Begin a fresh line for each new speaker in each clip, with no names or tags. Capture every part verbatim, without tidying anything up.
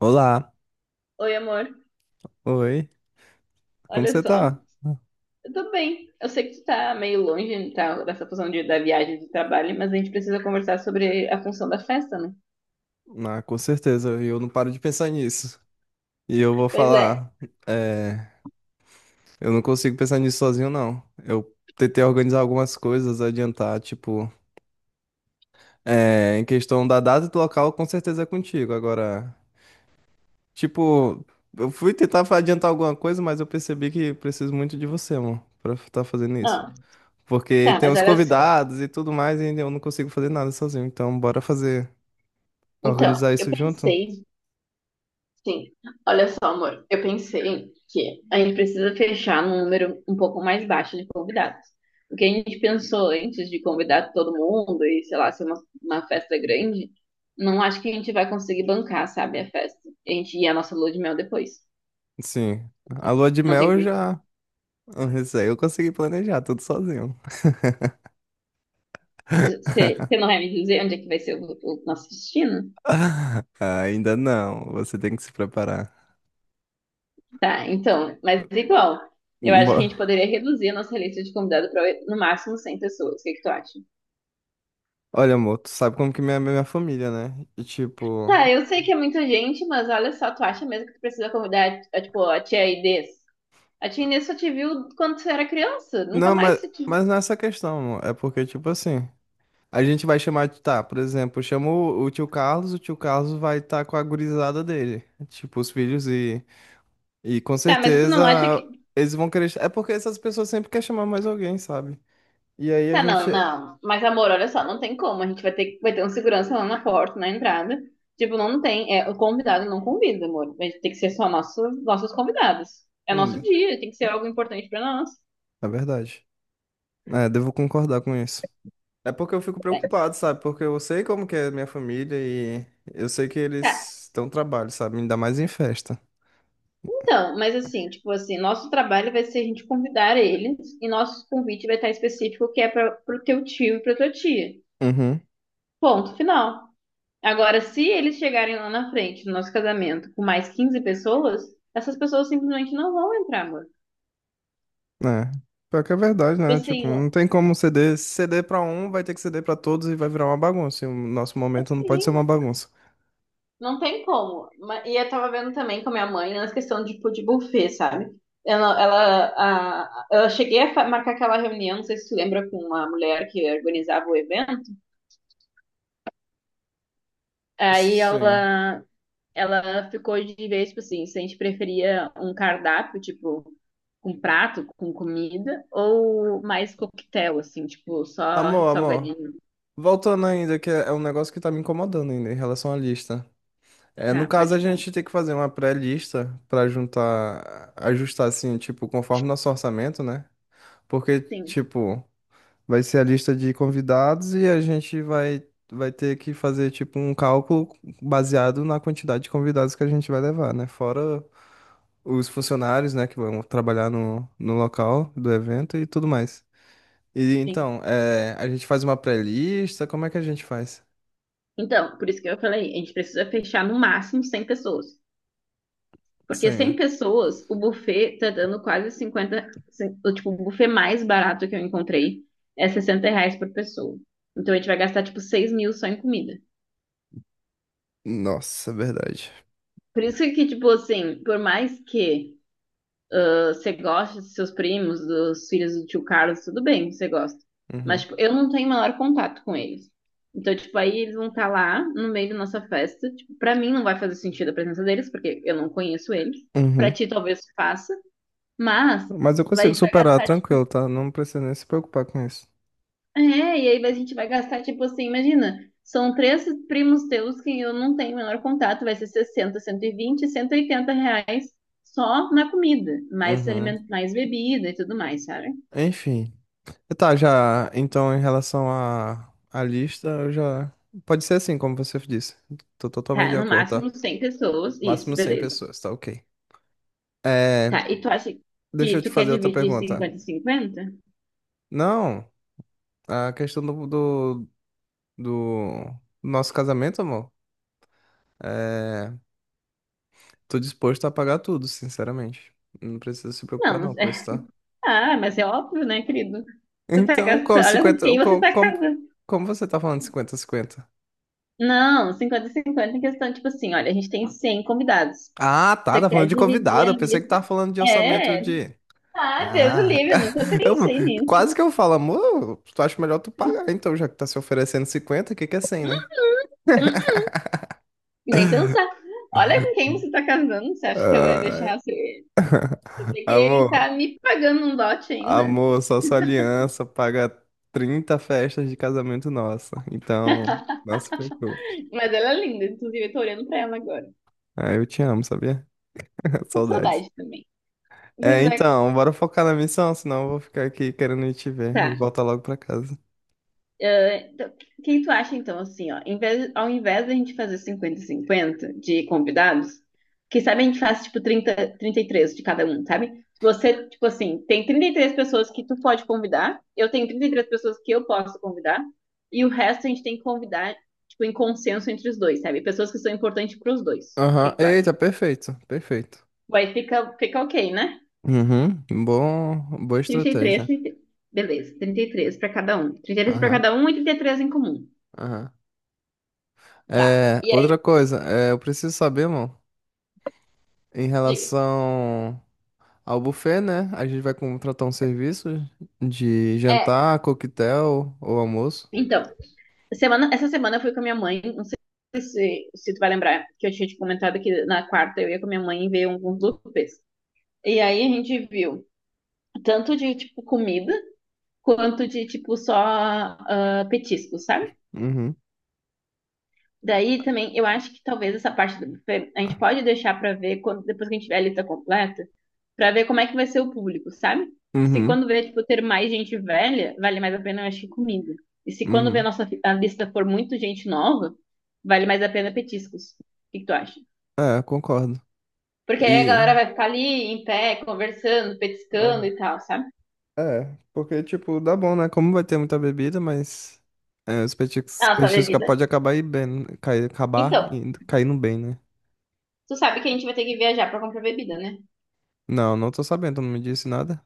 Olá,
Oi, amor.
oi, como
Olha
você
só.
tá?
Eu tô bem. Eu sei que tu tá meio longe, tá, dessa função de, da viagem de trabalho, mas a gente precisa conversar sobre a função da festa, né?
Ah, com certeza, eu não paro de pensar nisso. E eu vou
Pois é.
falar, é, eu não consigo pensar nisso sozinho, não. Eu tentei organizar algumas coisas, adiantar, tipo, é, em questão da data e do local, com certeza é contigo. Agora, tipo, eu fui tentar fa- adiantar alguma coisa, mas eu percebi que preciso muito de você, mano, pra estar fazendo isso.
Não,
Porque
tá,
tem
mas
os
olha só.
convidados e tudo mais, e eu não consigo fazer nada sozinho. Então, bora fazer,
Então,
organizar
eu
isso junto?
pensei, sim. Olha só, amor. Eu pensei que a gente precisa fechar num número um pouco mais baixo de convidados. O que a gente pensou antes de convidar todo mundo e, sei lá, ser uma, uma festa grande, não acho que a gente vai conseguir bancar, sabe, a festa. A gente ia a nossa lua de mel depois.
Sim. A lua de
Não
mel
tem
eu já. Isso aí eu consegui planejar tudo sozinho.
Você, você não vai me dizer onde é que vai ser o, o nosso destino?
Ainda não. Você tem que se preparar.
Tá, então, mas igual, eu acho que a
Bo-
gente poderia reduzir a nossa lista de convidados para no máximo cem pessoas. O que que tu acha?
Olha, amor, tu sabe como que minha, minha família, né? E tipo.
Tá, eu sei que é muita gente, mas olha só, tu acha mesmo que tu precisa convidar, a, tipo, a tia Inês? A tia Inês só te viu quando tu era criança, nunca
Não,
mais
mas,
se te...
mas não é essa questão, amor. É porque, tipo assim. A gente vai chamar de. Tá, por exemplo, chama o, o tio Carlos, o tio Carlos vai estar com a gurizada dele. Tipo, os filhos e. E com
Tá, mas tu
certeza
não acha que...
eles vão querer. É porque essas pessoas sempre querem chamar mais alguém, sabe? E aí a
Tá,
gente.
não, não. Mas, amor, olha só, não tem como. A gente vai ter, vai ter um segurança lá na porta, na entrada. Tipo, não tem. É, o convidado não convida, amor. A gente tem que ser só nosso, nossos convidados. É nosso
Hum,
dia, tem que ser algo importante pra nós.
é verdade. É, devo concordar com isso. É porque eu fico
É.
preocupado, sabe? Porque eu sei como que é minha família e eu sei que
Tá.
eles estão trabalho, sabe? Ainda mais em festa.
Então, mas assim, tipo assim, nosso trabalho vai ser a gente convidar eles e nosso convite vai estar específico que é pra, pro teu tio e pra tua tia.
Uhum.
Ponto final. Agora, se eles chegarem lá na frente do nosso casamento com mais quinze pessoas, essas pessoas simplesmente não vão entrar, amor.
É. Pior que é verdade,
Tipo
né? Tipo,
assim,
não tem como ceder. Se ceder pra um, vai ter que ceder pra todos e vai virar uma bagunça. E o nosso momento não pode ser
sim,
uma bagunça.
não tem como. Ma- E eu tava vendo também com a minha mãe nessa questão de, tipo, de buffet, sabe? Ela, ela, a, eu cheguei a fa- marcar aquela reunião, não sei se tu lembra, com uma mulher que organizava o evento. Aí
Sim.
ela, ela ficou de vez, tipo assim, se a gente preferia um cardápio, tipo, com prato, com comida, ou mais coquetel, assim, tipo, só
Amor, amor.
salgadinho.
Voltando ainda, que é é um negócio que tá me incomodando ainda em relação à lista. É, no
Tá,
caso,
pode
a
falar.
gente tem que fazer uma pré-lista para juntar, ajustar assim, tipo, conforme nosso orçamento, né? Porque,
Sim,
tipo, vai ser a lista de convidados e a gente vai, vai ter que fazer, tipo, um cálculo baseado na quantidade de convidados que a gente vai levar, né? Fora os funcionários, né, que vão trabalhar no, no local do evento e tudo mais. E
sim.
então, é, a gente faz uma pré-lista, como é que a gente faz?
Então, por isso que eu falei, a gente precisa fechar no máximo cem pessoas. Porque
Sim,
cem
né?
pessoas, o buffet tá dando quase cinquenta. O, tipo, o buffet mais barato que eu encontrei é sessenta reais por pessoa. Então a gente vai gastar, tipo, seis mil só em comida.
Nossa, é verdade.
Por isso que, tipo assim, por mais que ah, você goste dos seus primos, dos filhos do tio Carlos, tudo bem, você gosta. Mas,
Uhum.
tipo, eu não tenho maior contato com eles. Então, tipo, aí eles vão estar lá no meio da nossa festa. Tipo, pra mim não vai fazer sentido a presença deles, porque eu não conheço eles. Pra
Uhum.
ti talvez faça, mas
Mas eu
vai- a
consigo
gente vai
superar
gastar, tipo,
tranquilo, tá? Não precisa nem se preocupar com isso.
É, e aí a gente vai gastar, tipo assim, imagina, são três primos teus que eu não tenho o menor contato, vai ser sessenta cento e vinte cento e oitenta reais só na comida, mais
Uhum.
alimento, mais bebida e tudo mais, sabe?
Enfim. Tá, já. Então, em relação à à lista, eu já. Pode ser assim, como você disse. Tô totalmente
Tá,
de
no
acordo, tá?
máximo cem pessoas, isso,
Máximo cem
beleza.
pessoas, tá ok.
Tá,
É.
e tu acha
Deixa
que
eu te
tu quer
fazer outra
dividir
pergunta.
cinquenta e cinquenta.
Não, a questão do, do, do nosso casamento, amor. É. Tô disposto a pagar tudo, sinceramente. Não precisa se preocupar,
Não,
não, com isso,
é,
tá?
ah, mas é óbvio, né, querido? Tu tá
Então, como
gastando, olha com
cinquenta,
quem você
Como,
tá
como,
casando.
como você tá falando de cinquenta cinquenta?
Não, cinquenta a cinquenta em questão, tipo assim, olha, a gente tem cem convidados.
Ah, tá,
Você
tá falando
quer
de
dividir
convidado.
a
Eu pensei que
lista?
tava falando de orçamento
É.
de.
Ah, Deus o
Ah,
livre, eu nunca
eu,
pensei
quase
nisso.
que eu falo, amor, tu acha melhor tu pagar, então, já que tá se oferecendo cinquenta, o que que é cem, né?
Nem pensar. Olha com quem você tá casando, você acha que eu ia
Ah,
deixar você? Eu peguei,
amor,
tá me pagando um dote ainda.
amor, só sua aliança paga trinta festas de casamento nossa. Então, não se preocupe.
Mas ela é linda, inclusive eu tô olhando pra ela agora.
Ah, eu te amo, sabia?
Tô com
Saudades.
saudade também.
É,
Mas é-
então, bora focar na missão, senão eu vou ficar aqui querendo ir te ver e
Tá.
voltar logo pra casa.
Então, quem tu acha, então, assim, ó, em vez- ao invés da gente fazer cinquenta a cinquenta de convidados, que sabe a gente faz, tipo, trinta, trinta e três de cada um, sabe? Você, tipo assim, tem trinta e três pessoas que tu pode convidar, eu tenho trinta e três pessoas que eu posso convidar, e o resto a gente tem que convidar, tipo, em consenso entre os dois, sabe? Pessoas que são importantes para os dois. O que
Aham.
que tu acha?
Eita, perfeito, perfeito.
Vai, fica, fica ok, né?
Uhum, bom, boa
trinta e três,
estratégia.
trinta e três. Beleza, trinta e três para cada um. trinta e três para
Aham,
cada um e trinta e três em comum.
aham.
Tá.
É,
E
outra
aí,
coisa, é, eu preciso saber, mano, em
diga.
relação ao buffet, né? A gente vai contratar um serviço de
É,
jantar, coquetel ou almoço.
então, semana, essa semana eu fui com a minha mãe, não sei se, se tu vai lembrar, que eu tinha te comentado que na quarta eu ia com a minha mãe ver alguns buffets. E aí a gente viu tanto de, tipo, comida, quanto de, tipo, só ah, petiscos, sabe?
Uhum,
Daí também, eu acho que talvez essa parte do buffet a gente pode deixar pra ver quando, depois que a gente tiver a lista completa, pra ver como é que vai ser o público, sabe? Se
uhum,
quando vê, tipo, ter mais gente velha, vale mais a pena, eu acho que comida. E se quando vê a
uhum.
nossa fi- a lista for muito gente nova, vale mais a pena petiscos. O que que tu acha?
É, concordo.
Porque aí a
E,
galera vai ficar ali em pé, conversando, petiscando
aham.
e tal, sabe?
É, porque, tipo, dá bom, né? Como vai ter muita bebida, mas é, os petiscos,
Ah, só
petiscos
bebida.
pode acabar indo bem, cair, acabar
Então,
indo, caindo bem, né?
tu sabe que a gente vai ter que viajar pra comprar bebida, né?
Não, não tô sabendo, tu não me disse nada.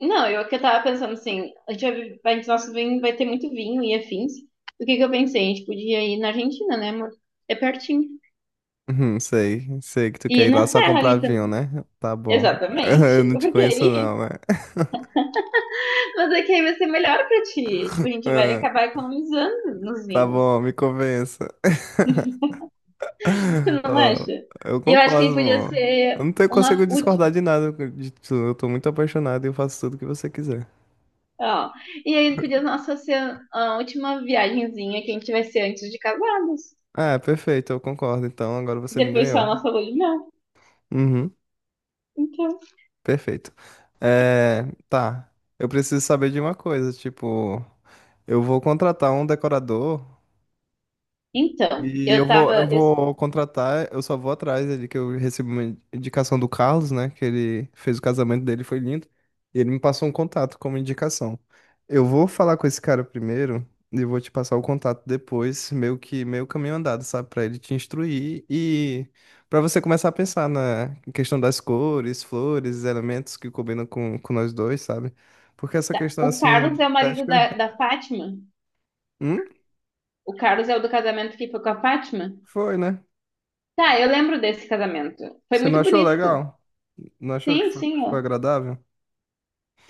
Não, eu que eu tava pensando assim, a gente vai, vai- nosso vinho vai ter muito vinho e afins. O que que eu pensei? A gente podia ir na Argentina, né, amor? É pertinho.
Uhum, sei, sei que tu quer
E
ir lá
na
só
serra
comprar
ali
vinho,
também.
né? Tá bom.
Exatamente.
Eu não te
Porque
conheço não,
aí,
né?
mas é que aí vai ser melhor pra ti. Tipo, a gente vai
Ah,
acabar economizando nos
Tá
vinhos.
bom, me convença.
Tu não
Ó,
acha?
eu
Eu acho
concordo,
que podia
amor. Eu
ser
não tenho, consigo
uma
discordar
última.
de nada de tu. Eu tô muito apaixonado e eu faço tudo que você quiser.
Ó. E aí podia nossa ser a última viagenzinha que a gente vai ser antes de casados.
Ah, perfeito, eu concordo. Então agora você me
Depois só
ganhou.
a nossa lua de mel.
Uhum,
Então.
perfeito. É, tá. Eu preciso saber de uma coisa, tipo, eu vou contratar um decorador.
Então,
E eu
eu
vou, eu
tava.
vou contratar, eu só vou atrás ali que eu recebi uma indicação do Carlos, né? Que ele fez o casamento dele, foi lindo. E ele me passou um contato como indicação. Eu vou falar com esse cara primeiro e vou te passar o contato depois, meio que meio caminho andado, sabe? Pra ele te instruir e pra você começar a pensar na questão das cores, flores, elementos que combinam com, com nós dois, sabe? Porque essa
Tá.
questão
O
assim, de
Carlos é o marido
estética,
da, da Fátima?
hum,
O Carlos é o do casamento que foi com a Fátima?
foi, né?
Tá, eu lembro desse casamento. Foi
Você não
muito
achou
bonito.
legal? Não achou que
Sim,
foi,
sim,
foi
ó.
agradável?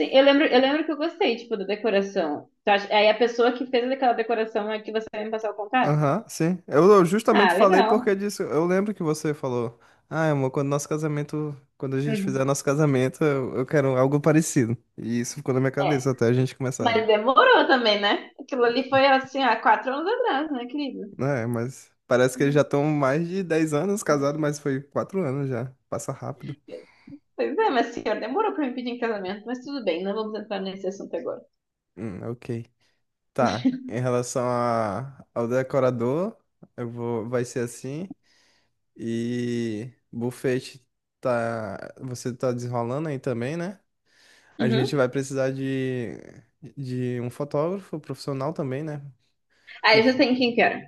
Sim, eu lembro, eu lembro que eu gostei, tipo, da decoração. Tu acha- Aí a pessoa que fez aquela decoração é que você vai me passar o contato?
Aham, sim. Eu, eu justamente
Ah,
falei
legal.
porque disso. Eu lembro que você falou, ah, amor, quando nosso casamento, quando a gente
Uhum.
fizer nosso casamento, eu, eu quero algo parecido. E isso ficou na minha
É,
cabeça até a gente começar,
mas demorou também, né? Aquilo ali foi assim, há quatro anos atrás, né, querido?
né? Mas parece que eles já
Uhum.
estão mais de dez anos casados, mas foi quatro anos já. Passa rápido.
Pois é, mas senhor, demorou pra me pedir em casamento, mas tudo bem, não vamos entrar nesse assunto agora.
Hum, ok. Tá. Em relação a, ao decorador, eu vou, vai ser assim. E buffet tá, você tá desenrolando aí também, né? A gente
Uhum.
vai precisar de, de um fotógrafo profissional também, né? Que
Aí vocês têm quem que era?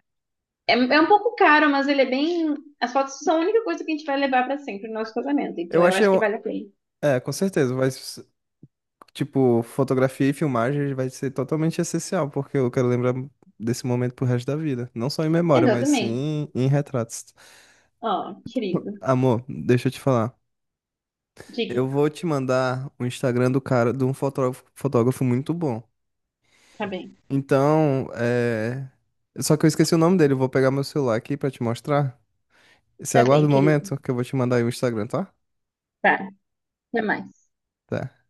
É, é um pouco caro, mas ele é bem. As fotos são a única coisa que a gente vai levar pra sempre no nosso casamento. Então
eu
eu
achei
acho que
um,
vale a pena.
é, com certeza, vai s- tipo, fotografia e filmagem vai ser totalmente essencial, porque eu quero lembrar desse momento pro resto da vida, não só em memória, mas
Exatamente.
sim em retratos.
Ó, querido.
Amor, deixa eu te falar.
Diga.
Eu vou te mandar o Instagram do cara, de um fotógrafo, fotógrafo muito bom.
Tá bem.
Então, é... Só que eu esqueci o nome dele, eu vou pegar meu celular aqui pra te mostrar. Você
Tá bem,
aguarda um
querido.
momento que eu vou te mandar aí o Instagram, tá?
Tá. Até mais.
Tá.